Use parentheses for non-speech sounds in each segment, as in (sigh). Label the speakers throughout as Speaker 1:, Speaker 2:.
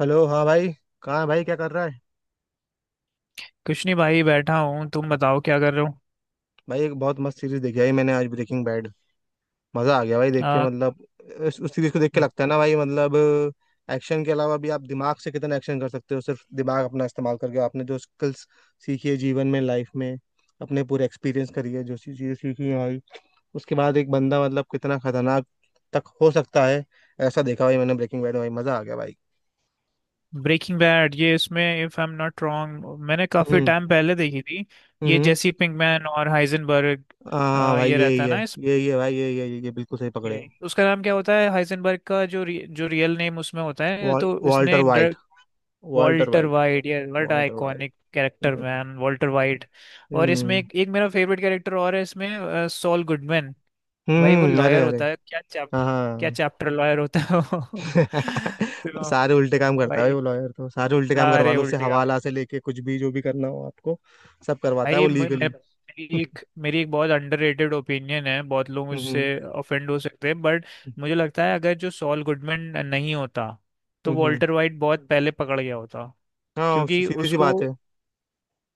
Speaker 1: Hello, हाँ भाई। कहाँ है भाई, क्या कर रहा है?
Speaker 2: कुछ नहीं भाई, बैठा हूँ। तुम बताओ क्या कर रहे हो?
Speaker 1: भाई एक बहुत मस्त सीरीज देखी है मैंने आज, ब्रेकिंग बैड। मजा आ गया भाई देख के,
Speaker 2: आ,
Speaker 1: मतलब उस सीरीज को देख के लगता है ना भाई, मतलब एक्शन के अलावा भी आप दिमाग से कितना एक्शन कर सकते हो, सिर्फ दिमाग अपना इस्तेमाल करके। आपने जो स्किल्स सीखी है जीवन में, लाइफ में, अपने पूरे एक्सपीरियंस करी है, जो सी चीजें सीखी है भाई, उसके बाद एक बंदा मतलब कितना खतरनाक तक हो सकता है, ऐसा देखा भाई मैंने ब्रेकिंग बैड में। भाई मजा आ गया भाई।
Speaker 2: ब्रेकिंग बैड ये इसमें, if I am not wrong, मैंने काफी
Speaker 1: हम्म।
Speaker 2: टाइम पहले देखी थी। ये
Speaker 1: हम्म।
Speaker 2: जेसी पिंकमैन और हाइजेनबर्ग,
Speaker 1: हाँ भाई,
Speaker 2: ये रहता
Speaker 1: यही
Speaker 2: है
Speaker 1: है।
Speaker 2: ना इसमें।
Speaker 1: यही है भाई, यही है। ये बिल्कुल सही पकड़े हो।
Speaker 2: उसका नाम क्या होता है हाइजेनबर्ग का, जो रियल नेम उसमें होता है, तो
Speaker 1: वॉल्टर
Speaker 2: इसने
Speaker 1: White. Walter
Speaker 2: Walter
Speaker 1: White.
Speaker 2: White, यार what
Speaker 1: Walter White.
Speaker 2: Iconic character
Speaker 1: हम्म।
Speaker 2: Man, Walter White. और इसमें
Speaker 1: हम्म।
Speaker 2: एक मेरा फेवरेट कैरेक्टर और है इसमें, सॉल गुडमैन। भाई वो
Speaker 1: अरे
Speaker 2: लॉयर
Speaker 1: अरे।
Speaker 2: होता है, क्या चैप्टर, क्या
Speaker 1: हाँ।
Speaker 2: चैप्टर लॉयर होता है वो। (laughs)
Speaker 1: (laughs)
Speaker 2: तो
Speaker 1: सारे उल्टे काम करता है भाई
Speaker 2: भाई
Speaker 1: वो लॉयर, तो सारे उल्टे काम करवा
Speaker 2: सारे
Speaker 1: लो उससे,
Speaker 2: उल्टे काम।
Speaker 1: हवाला से लेके कुछ भी जो भी करना हो आपको, सब करवाता है
Speaker 2: भाई
Speaker 1: वो
Speaker 2: मे- मे-
Speaker 1: लीगली।
Speaker 2: मेरी एक मेरी एक बहुत अंडररेटेड ओपिनियन है, बहुत लोग
Speaker 1: हम्म।
Speaker 2: उससे
Speaker 1: हम्म।
Speaker 2: ऑफेंड हो सकते हैं, बट मुझे लगता है अगर जो सॉल गुडमैन नहीं होता तो
Speaker 1: हम्म, हम्म।
Speaker 2: वॉल्टर वाइट बहुत पहले पकड़ गया होता,
Speaker 1: हाँ,
Speaker 2: क्योंकि
Speaker 1: सीधी सी
Speaker 2: उसको,
Speaker 1: बात है।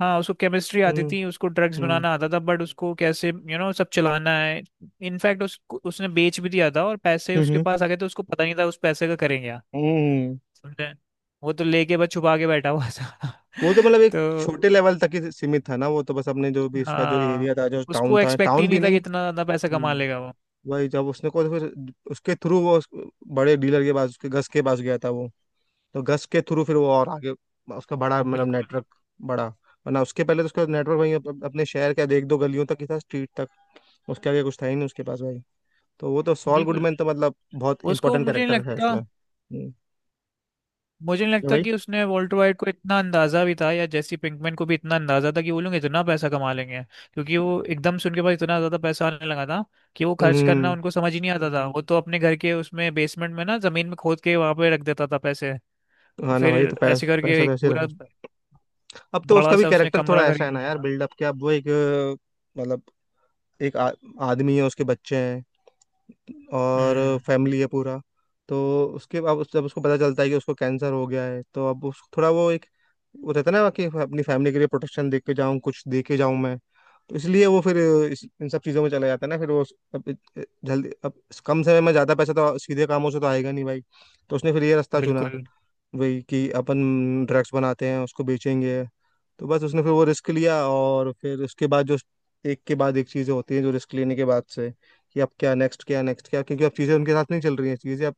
Speaker 2: हाँ, उसको केमिस्ट्री आती
Speaker 1: हम्म।
Speaker 2: थी, उसको ड्रग्स
Speaker 1: हम्म।
Speaker 2: बनाना आता था, बट उसको कैसे यू नो सब चलाना है। इनफैक्ट उस उसने बेच भी दिया था और पैसे उसके
Speaker 1: हम्म।
Speaker 2: पास आ गए, तो उसको पता नहीं था उस पैसे का करेंगे क्या।
Speaker 1: हम्म।
Speaker 2: समझे? वो तो लेके बस छुपा के बैठा हुआ था।
Speaker 1: वो तो मतलब
Speaker 2: (laughs)
Speaker 1: एक
Speaker 2: तो
Speaker 1: छोटे लेवल तक ही सीमित था ना, वो तो बस अपने जो भी इसका जो
Speaker 2: हाँ,
Speaker 1: एरिया था, जो टाउन
Speaker 2: उसको
Speaker 1: था,
Speaker 2: एक्सपेक्ट ही
Speaker 1: टाउन भी
Speaker 2: नहीं था कि
Speaker 1: नहीं।
Speaker 2: इतना ज्यादा पैसा कमा
Speaker 1: हम्म।
Speaker 2: लेगा वो।
Speaker 1: वही जब उसने को फिर, उसके थ्रू वो उस बड़े डीलर के पास, उसके गस के पास गया था वो, तो गस के थ्रू फिर वो और आगे उसका बड़ा मतलब
Speaker 2: बिल्कुल,
Speaker 1: नेटवर्क, बड़ा। वरना उसके पहले तो उसका नेटवर्क भाई अप, अप- अपने शहर के एक दो गलियों तक ही था, स्ट्रीट तक। उसके आगे कुछ था ही नहीं उसके पास भाई। तो वो तो सॉल
Speaker 2: बिल्कुल।
Speaker 1: गुडमैन तो मतलब बहुत
Speaker 2: उसको
Speaker 1: इंपॉर्टेंट
Speaker 2: मुझे नहीं
Speaker 1: कैरेक्टर है
Speaker 2: लगता
Speaker 1: उसमें। हम्म।
Speaker 2: मुझे नहीं
Speaker 1: क्या
Speaker 2: लगता
Speaker 1: भाई।
Speaker 2: कि उसने वॉल्टर वाइट को इतना अंदाजा भी था, या जेसी पिंकमैन को भी इतना अंदाजा था, कि वो लोग इतना पैसा कमा लेंगे। क्योंकि वो एकदम से उनके पास इतना ज्यादा पैसा आने लगा था कि वो खर्च करना
Speaker 1: हम्म।
Speaker 2: उनको समझ ही नहीं आता था। वो तो अपने घर के उसमें बेसमेंट में ना, जमीन में खोद के वहां पे रख देता था पैसे। और
Speaker 1: हाँ ना भाई,
Speaker 2: फिर
Speaker 1: तो
Speaker 2: ऐसे
Speaker 1: पैसा
Speaker 2: करके
Speaker 1: तो
Speaker 2: एक
Speaker 1: ऐसे ही
Speaker 2: पूरा
Speaker 1: रखा। अब तो
Speaker 2: बड़ा
Speaker 1: उसका भी
Speaker 2: सा उसने
Speaker 1: कैरेक्टर
Speaker 2: कमरा
Speaker 1: थोड़ा ऐसा
Speaker 2: खरीद
Speaker 1: है ना
Speaker 2: लिया
Speaker 1: यार,
Speaker 2: था।
Speaker 1: बिल्डअप क्या, अब वो एक मतलब एक आदमी है, उसके बच्चे हैं और
Speaker 2: हम्म।
Speaker 1: फैमिली है पूरा। तो उसके अब जब उसको पता चलता है कि उसको कैंसर हो गया है, तो अब उस थोड़ा वो एक वो रहता है ना कि अपनी फैमिली के लिए प्रोटेक्शन दे के जाऊँ, कुछ दे के जाऊँ मैं। तो इसलिए वो फिर इन सब चीज़ों में चला जाता है ना। फिर वो अब जल्दी, अब कम समय में ज़्यादा पैसा तो सीधे कामों से तो आएगा नहीं भाई। तो उसने फिर ये रास्ता चुना,
Speaker 2: बिल्कुल,
Speaker 1: वही कि अपन ड्रग्स बनाते हैं उसको बेचेंगे। तो बस उसने फिर वो रिस्क लिया, और फिर उसके बाद जो एक के बाद एक चीज़ें होती हैं जो रिस्क लेने के बाद से। कि अब क्या नेक्स्ट, क्या नेक्स्ट, क्या, क्योंकि अब चीज़ें उनके साथ नहीं चल रही हैं। चीज़ें अब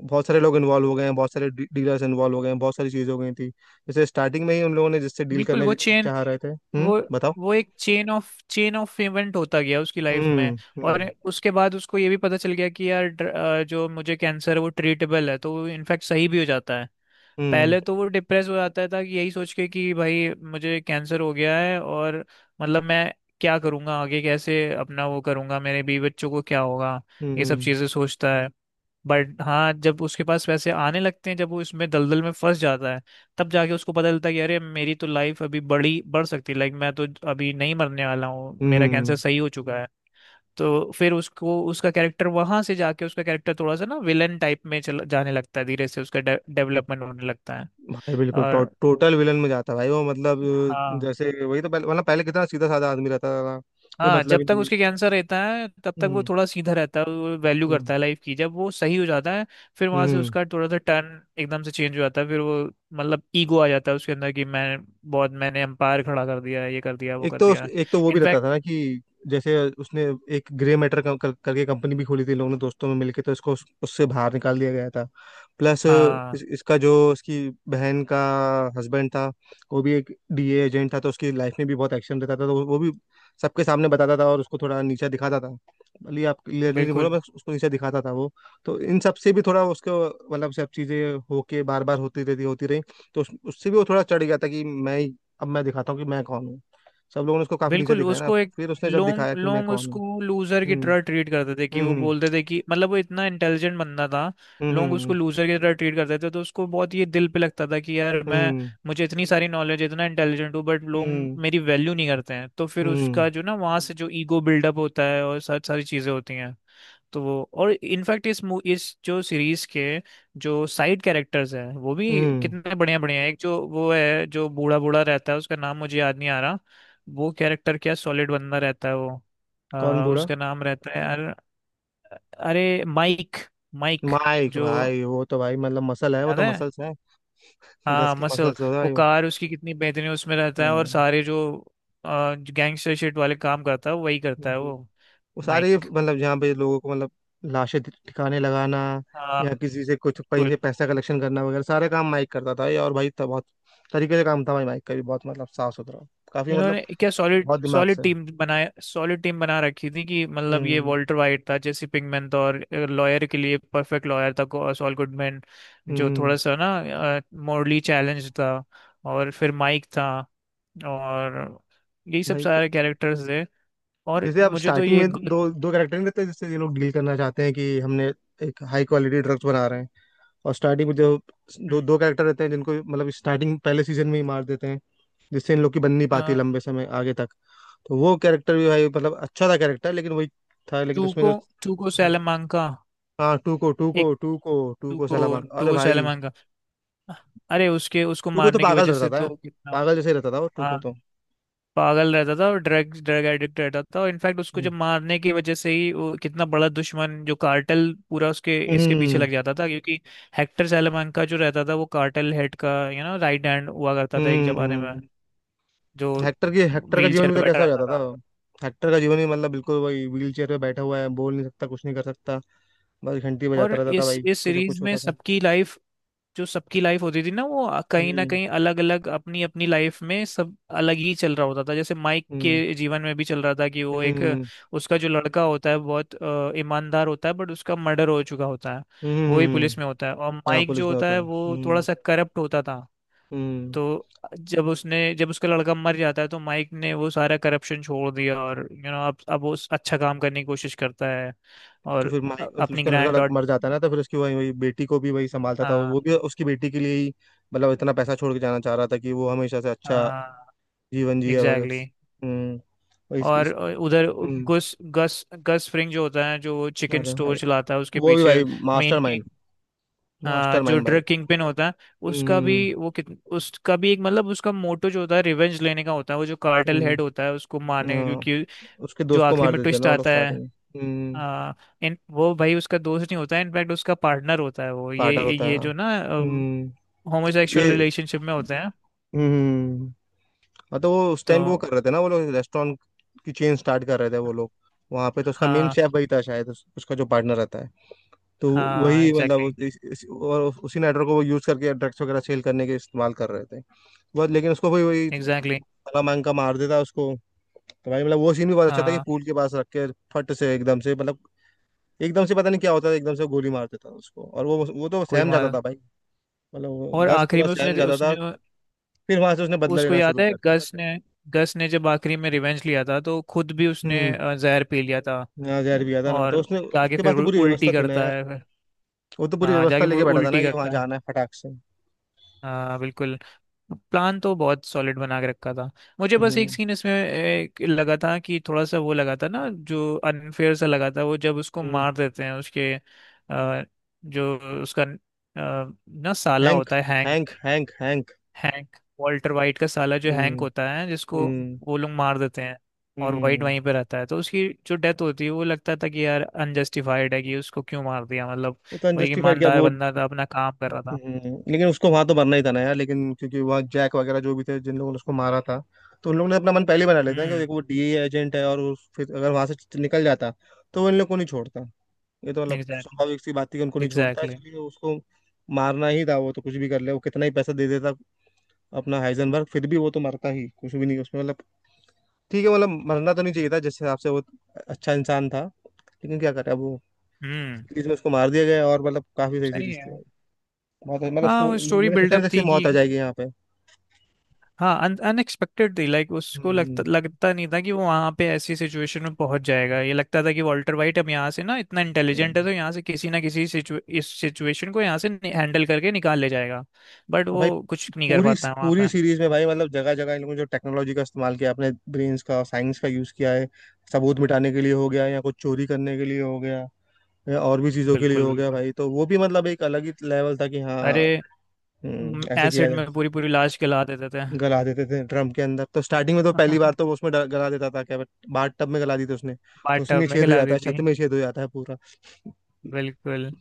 Speaker 1: बहुत सारे लोग इन्वॉल्व हो गए हैं, बहुत सारे डीलर्स इन्वॉल्व हो गए हैं, बहुत सारी चीज़ें हो गई थी जैसे स्टार्टिंग में ही, उन लोगों ने जिससे डील
Speaker 2: बिल्कुल।
Speaker 1: करने चाह रहे थे। हम्म,
Speaker 2: वो
Speaker 1: बताओ।
Speaker 2: वो एक चेन ऑफ इवेंट होता गया उसकी लाइफ में।
Speaker 1: हम्म।
Speaker 2: और
Speaker 1: हम्म।
Speaker 2: उसके बाद उसको ये भी पता चल गया कि यार, जो मुझे कैंसर है वो ट्रीटेबल है, तो वो इनफैक्ट सही भी हो जाता है।
Speaker 1: हम्म।
Speaker 2: पहले तो वो डिप्रेस हो जाता था, कि यही सोच के कि भाई मुझे कैंसर हो गया है, और, मतलब, मैं क्या करूंगा आगे, कैसे अपना वो करूंगा, मेरे बीवी बच्चों को क्या होगा, ये सब
Speaker 1: हम्म।
Speaker 2: चीजें सोचता है। बट हाँ, जब उसके पास पैसे आने लगते हैं, जब वो इसमें दलदल में फंस जाता है, तब जाके उसको पता चलता है कि अरे, मेरी तो लाइफ अभी बड़ी बढ़ सकती है, लाइक मैं तो अभी नहीं मरने वाला हूँ, मेरा कैंसर
Speaker 1: हम्म।
Speaker 2: सही हो चुका है। तो फिर उसको उसका कैरेक्टर, वहां से जाके उसका कैरेक्टर थोड़ा सा ना विलन टाइप में चल जाने लगता है, धीरे से उसका डेवलपमेंट होने लगता है।
Speaker 1: भाई बिल्कुल
Speaker 2: और
Speaker 1: टोटल विलन में जाता है भाई वो मतलब।
Speaker 2: हाँ,
Speaker 1: जैसे वही तो पहले मतलब पहले कितना सीधा साधा आदमी रहता था, कोई
Speaker 2: हाँ,
Speaker 1: मतलब
Speaker 2: जब
Speaker 1: ही
Speaker 2: तक
Speaker 1: नहीं है।
Speaker 2: उसके कैंसर रहता है तब तक वो
Speaker 1: हम्म।
Speaker 2: थोड़ा सीधा रहता है, वो वैल्यू
Speaker 1: हम्म।
Speaker 2: करता है लाइफ की, जब वो सही हो जाता है फिर वहां से
Speaker 1: हम्म।
Speaker 2: उसका थोड़ा सा टर्न एकदम से चेंज हो जाता है। फिर वो, मतलब, ईगो आ जाता है उसके अंदर, कि मैं, बहुत मैंने एम्पायर खड़ा कर दिया है, ये कर दिया, वो कर दिया।
Speaker 1: एक तो वो भी रहता
Speaker 2: इनफैक्ट।
Speaker 1: था ना कि जैसे उसने एक ग्रे मैटर कर, कर, करके कंपनी भी खोली थी, लोगों ने दोस्तों में मिलके, तो इसको उससे बाहर निकाल दिया गया था। प्लस
Speaker 2: हाँ,
Speaker 1: इसका जो इसकी बहन का हस्बैंड था, वो भी एक डीए एजेंट था, तो उसकी लाइफ में भी बहुत एक्शन रहता था। तो वो भी सबके सामने बताता था और उसको थोड़ा नीचा दिखाता था, भले ही आप क्लियरली नहीं बोला,
Speaker 2: बिल्कुल,
Speaker 1: बस उसको नीचा दिखाता था वो। तो इन सब से भी थोड़ा उसको, मतलब सब चीज़ें होके बार बार होती रहती होती रही, तो उससे भी वो थोड़ा चढ़ गया था कि अब मैं दिखाता हूँ कि मैं कौन हूँ। सब लोगों ने उसको काफी नीचे
Speaker 2: बिल्कुल।
Speaker 1: दिखाया ना,
Speaker 2: उसको एक,
Speaker 1: फिर उसने जब दिखाया
Speaker 2: लोग
Speaker 1: कि मैं
Speaker 2: लोग
Speaker 1: कौन हूँ।
Speaker 2: उसको लूजर की
Speaker 1: हम्म।
Speaker 2: तरह ट्रीट करते थे, कि वो
Speaker 1: हम्म।
Speaker 2: बोलते थे कि, मतलब, वो इतना इंटेलिजेंट बंदा था,
Speaker 1: हम्म।
Speaker 2: लोग उसको
Speaker 1: हम्म।
Speaker 2: लूजर की तरह ट्रीट करते थे, तो उसको बहुत ये दिल पे लगता था कि, यार, मैं,
Speaker 1: हम्म।
Speaker 2: मुझे इतनी सारी नॉलेज, इतना इंटेलिजेंट हूँ, बट लोग
Speaker 1: हम्म।
Speaker 2: मेरी वैल्यू नहीं करते हैं, तो फिर
Speaker 1: हम्म।
Speaker 2: उसका जो ना वहाँ से जो ईगो बिल्डअप होता है, और सारी सारी चीज़ें होती हैं। तो वो, और इनफैक्ट, इस जो सीरीज के जो साइड कैरेक्टर्स हैं वो भी
Speaker 1: हम्म,
Speaker 2: कितने बढ़िया बढ़िया हैं। एक जो वो है, जो बूढ़ा बूढ़ा रहता है, उसका नाम मुझे याद नहीं आ रहा। वो कैरेक्टर क्या सॉलिड बंदा रहता है वो।
Speaker 1: कौन बूढ़ा?
Speaker 2: उसका नाम रहता है यार। अरे, माइक। माइक।
Speaker 1: माइक
Speaker 2: जो
Speaker 1: भाई, वो तो भाई मतलब मसल है, वो
Speaker 2: याद
Speaker 1: तो
Speaker 2: है?
Speaker 1: मसल्स है, गस
Speaker 2: हाँ,
Speaker 1: की
Speaker 2: मसल।
Speaker 1: मसल्स है
Speaker 2: वो
Speaker 1: भाई वो।
Speaker 2: कार उसकी कितनी बेहतरीन है, उसमें रहता है, और
Speaker 1: हम्म।
Speaker 2: सारे जो गैंगस्टर शिट वाले काम करता है, वही करता है
Speaker 1: हम्म।
Speaker 2: वो।
Speaker 1: वो सारे
Speaker 2: माइक।
Speaker 1: मतलब जहाँ पे लोगों को, मतलब लाशें ठिकाने लगाना
Speaker 2: हाँ,
Speaker 1: या किसी से कुछ कहीं से
Speaker 2: बिल्कुल।
Speaker 1: पैसा कलेक्शन करना वगैरह, सारे काम माइक करता था ये। और भाई तो बहुत तरीके से काम था भाई माइक का भी, बहुत मतलब साफ सुथरा, काफी मतलब,
Speaker 2: इन्होंने क्या सॉलिड
Speaker 1: बहुत दिमाग
Speaker 2: सॉलिड
Speaker 1: से।
Speaker 2: टीम बनाया, सॉलिड टीम बना रखी थी, कि मतलब, ये
Speaker 1: हम्म।
Speaker 2: वॉल्टर वाइट था, जेसी पिंकमैन था, और लॉयर के लिए परफेक्ट लॉयर था, सॉल गुडमैन, जो
Speaker 1: हम्म।
Speaker 2: थोड़ा सा ना मॉरली चैलेंज था। और फिर माइक था। और यही सब
Speaker 1: भाई
Speaker 2: सारे कैरेक्टर्स थे। और
Speaker 1: जैसे आप
Speaker 2: मुझे तो
Speaker 1: स्टार्टिंग
Speaker 2: ये
Speaker 1: में
Speaker 2: ग-
Speaker 1: दो दो कैरेक्टर नहीं रहते जिससे ये लोग डील करना चाहते हैं कि हमने एक हाई क्वालिटी ड्रग्स बना रहे हैं, और स्टार्टिंग में जो दो
Speaker 2: हम्म।
Speaker 1: दो कैरेक्टर रहते हैं जिनको मतलब स्टार्टिंग पहले सीजन में ही मार देते हैं, जिससे इन लोग की बन नहीं पाती
Speaker 2: अ,
Speaker 1: लंबे समय आगे तक। तो वो कैरेक्टर भी भाई मतलब अच्छा था कैरेक्टर, लेकिन वही था। लेकिन उसमें
Speaker 2: टूको,
Speaker 1: जो,
Speaker 2: टूको सैलामांका।
Speaker 1: हाँ, टू को टू
Speaker 2: एक।
Speaker 1: को Tuco. Tuco
Speaker 2: Tuco,
Speaker 1: सलाम, अरे
Speaker 2: टूको
Speaker 1: भाई।
Speaker 2: सैलामांका। अरे उसके उसको
Speaker 1: टू को तो
Speaker 2: मारने की
Speaker 1: पागल
Speaker 2: वजह
Speaker 1: रहता
Speaker 2: से
Speaker 1: था,
Speaker 2: तो कितना,
Speaker 1: पागल जैसे रहता था वो टू को
Speaker 2: हाँ,
Speaker 1: तो।
Speaker 2: पागल रहता था, और ड्रग ड्रग एडिक्ट रहता था, और इनफैक्ट उसको
Speaker 1: हम्म।
Speaker 2: जब मारने की वजह से ही वो कितना बड़ा दुश्मन, जो कार्टेल पूरा उसके इसके पीछे
Speaker 1: हम्म।
Speaker 2: लग जाता था, क्योंकि हेक्टर salamanca जो रहता था, वो कार्टेल हेड का यू नो राइट हैंड हुआ करता था, एक जमाने में,
Speaker 1: हम्म।
Speaker 2: जो
Speaker 1: हेक्टर का
Speaker 2: व्हील
Speaker 1: जीवन
Speaker 2: चेयर
Speaker 1: भी
Speaker 2: पे
Speaker 1: तो
Speaker 2: बैठा
Speaker 1: कैसा हो
Speaker 2: रहता
Speaker 1: जाता था।
Speaker 2: था।
Speaker 1: हेक्टर का जीवन भी मतलब बिल्कुल वही, व्हील चेयर पे बैठा हुआ है, बोल नहीं सकता कुछ नहीं कर सकता, बस घंटी
Speaker 2: और
Speaker 1: बजाता रहता था
Speaker 2: इस
Speaker 1: भाई
Speaker 2: इस
Speaker 1: कुछ ना
Speaker 2: सीरीज
Speaker 1: कुछ
Speaker 2: में
Speaker 1: होता था।
Speaker 2: सबकी लाइफ, जो सबकी लाइफ होती थी ना, वो कहीं ना
Speaker 1: हम्म।
Speaker 2: कहीं अलग अलग अपनी अपनी लाइफ में सब अलग ही चल रहा होता था। जैसे माइक
Speaker 1: हम्म।
Speaker 2: के जीवन में भी चल रहा था कि वो एक,
Speaker 1: हम्म।
Speaker 2: उसका जो लड़का होता है बहुत ईमानदार होता है, बट उसका मर्डर हो चुका होता है, वो ही
Speaker 1: हम्म।
Speaker 2: पुलिस में होता है, और
Speaker 1: यहाँ
Speaker 2: माइक जो
Speaker 1: पुलिस में
Speaker 2: होता
Speaker 1: होता
Speaker 2: है,
Speaker 1: था।
Speaker 2: वो थोड़ा
Speaker 1: हम्म।
Speaker 2: सा करप्ट होता था।
Speaker 1: हम्म।
Speaker 2: तो जब उसका लड़का मर जाता है, तो माइक ने वो सारा करप्शन छोड़ दिया, और यू you नो know, अब वो अच्छा काम करने की कोशिश करता है,
Speaker 1: तो
Speaker 2: और
Speaker 1: फिर
Speaker 2: अपनी
Speaker 1: उसका लड़का
Speaker 2: ग्रैंड डॉट।
Speaker 1: मर जाता है ना, तो फिर उसकी वही वही बेटी को भी वही संभालता था,
Speaker 2: हाँ,
Speaker 1: वो भी उसकी बेटी के लिए ही मतलब इतना पैसा छोड़ के जाना चाह रहा था कि वो हमेशा से अच्छा
Speaker 2: हाँ,
Speaker 1: जीवन जिए
Speaker 2: एग्जैक्टली।
Speaker 1: वगैरह। हम्म। वही
Speaker 2: और उधर
Speaker 1: हम्म।
Speaker 2: गस गस गस फ्रिंग जो होता है, जो चिकन
Speaker 1: अरे
Speaker 2: स्टोर
Speaker 1: भाई
Speaker 2: चलाता है उसके
Speaker 1: वो भी
Speaker 2: पीछे,
Speaker 1: भाई,
Speaker 2: मेन
Speaker 1: मास्टर माइंड।
Speaker 2: किंग, हाँ,
Speaker 1: मास्टर
Speaker 2: जो
Speaker 1: माइंड भाई।
Speaker 2: ड्रग किंग पिन होता है। उसका
Speaker 1: हम्म।
Speaker 2: भी वो कित उसका भी एक, मतलब, उसका मोटो जो होता है, रिवेंज लेने का होता है, वो जो कार्टेल हेड
Speaker 1: हम्म।
Speaker 2: होता है उसको मारने का,
Speaker 1: हाँ,
Speaker 2: क्योंकि
Speaker 1: उसके
Speaker 2: जो
Speaker 1: दोस्त को
Speaker 2: आखिरी
Speaker 1: मार
Speaker 2: में
Speaker 1: देते हैं
Speaker 2: ट्विस्ट
Speaker 1: ना वो लोग
Speaker 2: आता है,
Speaker 1: स्टार्टिंग में। हम्म।
Speaker 2: आ, इन वो, भाई, उसका दोस्त नहीं होता है, इनफैक्ट उसका पार्टनर होता है वो, ये
Speaker 1: पार्टनर होता है।
Speaker 2: ये
Speaker 1: हाँ।
Speaker 2: जो ना
Speaker 1: हम्म। ये।
Speaker 2: होमोसेक्सुअल रिलेशनशिप में होते हैं,
Speaker 1: हम्म। हाँ, तो वो उस
Speaker 2: तो
Speaker 1: टाइम भी वो कर रहे थे ना वो लोग, रेस्टोरेंट की चेन स्टार्ट कर रहे थे वो लोग। वहाँ पे तो उसका मेन
Speaker 2: हाँ,
Speaker 1: शेफ वही था शायद, उसका जो पार्टनर रहता है। तो
Speaker 2: हाँ,
Speaker 1: वही मतलब
Speaker 2: एग्जैक्टली,
Speaker 1: और उसी नेटवर्क को वो यूज करके ड्रग्स वगैरह सेल करने के इस्तेमाल कर रहे थे बस, लेकिन उसको वही वही
Speaker 2: एग्जैक्टली।
Speaker 1: भला मांग का मार देता उसको। तो भाई मतलब वो सीन भी बहुत अच्छा था कि
Speaker 2: हाँ,
Speaker 1: पूल के पास रख के फट से, एकदम से मतलब एकदम से पता नहीं क्या होता था, एकदम से गोली मार देता था उसको, और वो तो
Speaker 2: कोई
Speaker 1: सहम जाता
Speaker 2: मार,
Speaker 1: था भाई, मतलब वो
Speaker 2: और
Speaker 1: गस
Speaker 2: आखिरी
Speaker 1: पूरा
Speaker 2: में
Speaker 1: सहम
Speaker 2: उसने,
Speaker 1: जाता
Speaker 2: उसने
Speaker 1: था। फिर वहां से उसने बदला
Speaker 2: उसको,
Speaker 1: लेना
Speaker 2: याद
Speaker 1: शुरू
Speaker 2: है,
Speaker 1: किया था।
Speaker 2: गस ने जब आखिरी में रिवेंज लिया था, तो खुद भी उसने
Speaker 1: हम्म।
Speaker 2: जहर पी लिया था,
Speaker 1: यहाँ जहर भी था ना, तो
Speaker 2: और
Speaker 1: उसने,
Speaker 2: जाके
Speaker 1: उसके
Speaker 2: फिर
Speaker 1: पास तो पूरी
Speaker 2: उल्टी
Speaker 1: व्यवस्था थी ना
Speaker 2: करता
Speaker 1: यार,
Speaker 2: है फिर।
Speaker 1: वो तो पूरी
Speaker 2: हाँ,
Speaker 1: व्यवस्था
Speaker 2: जाके
Speaker 1: लेके
Speaker 2: फिर
Speaker 1: बैठा था ना
Speaker 2: उल्टी
Speaker 1: कि वहां
Speaker 2: करता है।
Speaker 1: जाना है फटाक से।
Speaker 2: हाँ, बिल्कुल। प्लान तो बहुत सॉलिड बना के रखा था। मुझे बस एक
Speaker 1: हम्म।
Speaker 2: सीन इसमें एक लगा था, कि थोड़ा सा वो लगा था ना, जो अनफेयर सा लगा था, वो जब उसको
Speaker 1: हम्म।
Speaker 2: मार देते हैं, उसके जो उसका ना साला
Speaker 1: हैंक।
Speaker 2: होता है,
Speaker 1: Hank.
Speaker 2: Hank.
Speaker 1: Hank. Hank.
Speaker 2: Hank, Walter White का साला जो हैंक
Speaker 1: हम्म।
Speaker 2: होता है, जिसको
Speaker 1: हम्म।
Speaker 2: वो लोग मार देते हैं,
Speaker 1: हम्म।
Speaker 2: और वाइट
Speaker 1: हम्म।
Speaker 2: वहीं पे रहता है, तो उसकी जो डेथ होती है वो लगता था कि, यार, अनजस्टिफाइड है, कि उसको क्यों मार दिया, मतलब
Speaker 1: वो तो
Speaker 2: वो एक
Speaker 1: अनजस्टिफाइड क्या
Speaker 2: ईमानदार
Speaker 1: वो।
Speaker 2: बंदा था, अपना काम कर रहा था।
Speaker 1: लेकिन उसको वहां तो मरना ही था ना यार, लेकिन क्योंकि वहाँ जैक वगैरह जो भी थे, जिन लोगों ने उसको मारा था, तो उन लोगों ने अपना मन पहले ही बना लेते हैं कि
Speaker 2: हम्म।
Speaker 1: देखो वो डीए एजेंट है और फिर अगर वहां से निकल जाता तो वो इन लोग को नहीं छोड़ता। ये तो मतलब
Speaker 2: एग्जैक्टली,
Speaker 1: स्वाभाविक सी बात थी कि उनको नहीं छोड़ता,
Speaker 2: एग्जैक्टली।
Speaker 1: इसलिए उसको मारना ही था। वो तो कुछ भी कर ले, वो कितना ही पैसा दे देता अपना हाइजेनबर्ग, फिर भी वो तो मरता ही, कुछ भी नहीं उसमें मतलब। ठीक है मतलब, मरना तो नहीं चाहिए था जिस हिसाब से वो अच्छा इंसान था, लेकिन क्या करे अब वो,
Speaker 2: हम्म।
Speaker 1: सीरीज में उसको मार दिया गया, और मतलब काफी सही
Speaker 2: सही
Speaker 1: सीरीज थी।
Speaker 2: है।
Speaker 1: बहुत मतलब
Speaker 2: हाँ,
Speaker 1: उसको
Speaker 2: वो स्टोरी
Speaker 1: मैंने सोचा नहीं
Speaker 2: बिल्डअप
Speaker 1: था कि
Speaker 2: थी, कि,
Speaker 1: मौत आ जाएगी यहाँ पे।
Speaker 2: हाँ, अनएक्सपेक्टेड थी, लाइक उसको लगता
Speaker 1: हम्म।
Speaker 2: लगता नहीं था कि वो वहां पे ऐसी सिचुएशन में पहुंच जाएगा, ये लगता था कि वॉल्टर वाइट अब, यहाँ से ना इतना इंटेलिजेंट है,
Speaker 1: हम्म।
Speaker 2: तो यहाँ से किसी ना किसी इस सिचुएशन को यहाँ से हैंडल करके निकाल ले जाएगा, बट
Speaker 1: और भाई
Speaker 2: वो कुछ नहीं कर
Speaker 1: पूरी
Speaker 2: पाता है वहां
Speaker 1: पूरी
Speaker 2: पे।
Speaker 1: सीरीज में भाई मतलब जगह जगह इन लोगों ने जो टेक्नोलॉजी का इस्तेमाल किया, अपने ब्रेन्स का साइंस का यूज किया है, सबूत मिटाने के लिए हो गया या कुछ चोरी करने के लिए हो गया या और भी चीजों के लिए
Speaker 2: बिल्कुल,
Speaker 1: हो गया
Speaker 2: बिल्कुल।
Speaker 1: भाई, तो वो भी मतलब एक अलग ही लेवल था कि हाँ।
Speaker 2: अरे
Speaker 1: ऐसे किया
Speaker 2: एसिड
Speaker 1: जाए।
Speaker 2: में पूरी पूरी लाश गला देते थे।
Speaker 1: गला देते थे ड्रम के अंदर। तो स्टार्टिंग में तो पहली बार तो वो
Speaker 2: (laughs)
Speaker 1: उसमें गला देता था क्या? बाथ टब में गला दी थी उसने,
Speaker 2: बाथ
Speaker 1: तो
Speaker 2: टब
Speaker 1: उसमें
Speaker 2: में
Speaker 1: छेद हो
Speaker 2: गला
Speaker 1: जाता
Speaker 2: दी
Speaker 1: है,
Speaker 2: थी।
Speaker 1: छत में छेद हो जाता है पूरा।
Speaker 2: बिल्कुल।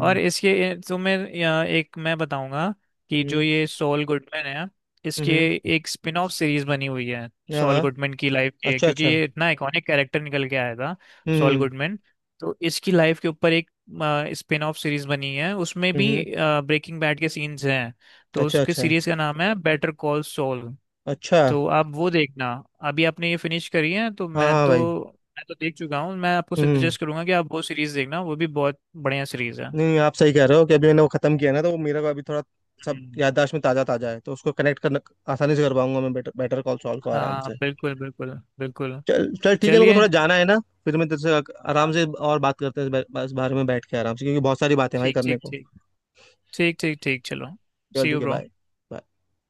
Speaker 2: और इसके तुम्हें या एक मैं बताऊंगा कि जो
Speaker 1: हम्म।
Speaker 2: ये सॉल गुडमैन है, इसके
Speaker 1: हम्म,
Speaker 2: एक स्पिन ऑफ सीरीज बनी हुई है,
Speaker 1: हाँ
Speaker 2: सॉल
Speaker 1: हाँ।
Speaker 2: गुडमैन की लाइफ के,
Speaker 1: अच्छा
Speaker 2: क्योंकि
Speaker 1: अच्छा।
Speaker 2: ये इतना आइकॉनिक कैरेक्टर निकल के आया था। सॉल
Speaker 1: हम्म।
Speaker 2: गुडमैन। तो इसकी लाइफ के ऊपर एक स्पिन ऑफ सीरीज बनी है, उसमें
Speaker 1: हम्म।
Speaker 2: भी
Speaker 1: हम्म।
Speaker 2: ब्रेकिंग बैड के सीन्स हैं, तो
Speaker 1: अच्छा,
Speaker 2: उसके
Speaker 1: अच्छा।
Speaker 2: सीरीज का नाम है, बेटर कॉल सॉल।
Speaker 1: अच्छा,
Speaker 2: तो आप वो देखना। अभी आपने ये फिनिश करी है, तो
Speaker 1: हाँ,
Speaker 2: मैं
Speaker 1: हाँ
Speaker 2: तो
Speaker 1: भाई।
Speaker 2: मैं तो देख चुका हूँ, मैं आपको
Speaker 1: हुँ।
Speaker 2: सजेस्ट करूंगा कि आप वो सीरीज देखना, वो भी बहुत बढ़िया सीरीज
Speaker 1: नहीं, आप सही कह रहे हो कि अभी मैंने वो खत्म किया ना, तो वो मेरा को अभी थोड़ा,
Speaker 2: है।
Speaker 1: सब याददाश्त में ताज़ा-ताज़ा है, तो उसको कनेक्ट करना आसानी से कर पाऊँगा मैं, बेटर बेटर कॉल सॉल को आराम
Speaker 2: हाँ,
Speaker 1: से।
Speaker 2: बिल्कुल, बिल्कुल, बिल्कुल।
Speaker 1: चल चल ठीक है, मेरे को
Speaker 2: चलिए।
Speaker 1: थोड़ा जाना है ना, फिर मैं तेरे से अक आराम से और बात करते हैं इस बारे में बैठ के आराम से, क्योंकि बहुत सारी बातें हैं भाई
Speaker 2: ठीक,
Speaker 1: करने
Speaker 2: ठीक,
Speaker 1: को।
Speaker 2: ठीक, ठीक, ठीक, ठीक, चलो।
Speaker 1: चल
Speaker 2: सी
Speaker 1: ठीक
Speaker 2: यू
Speaker 1: है,
Speaker 2: ब्रो।
Speaker 1: बाय। बाय।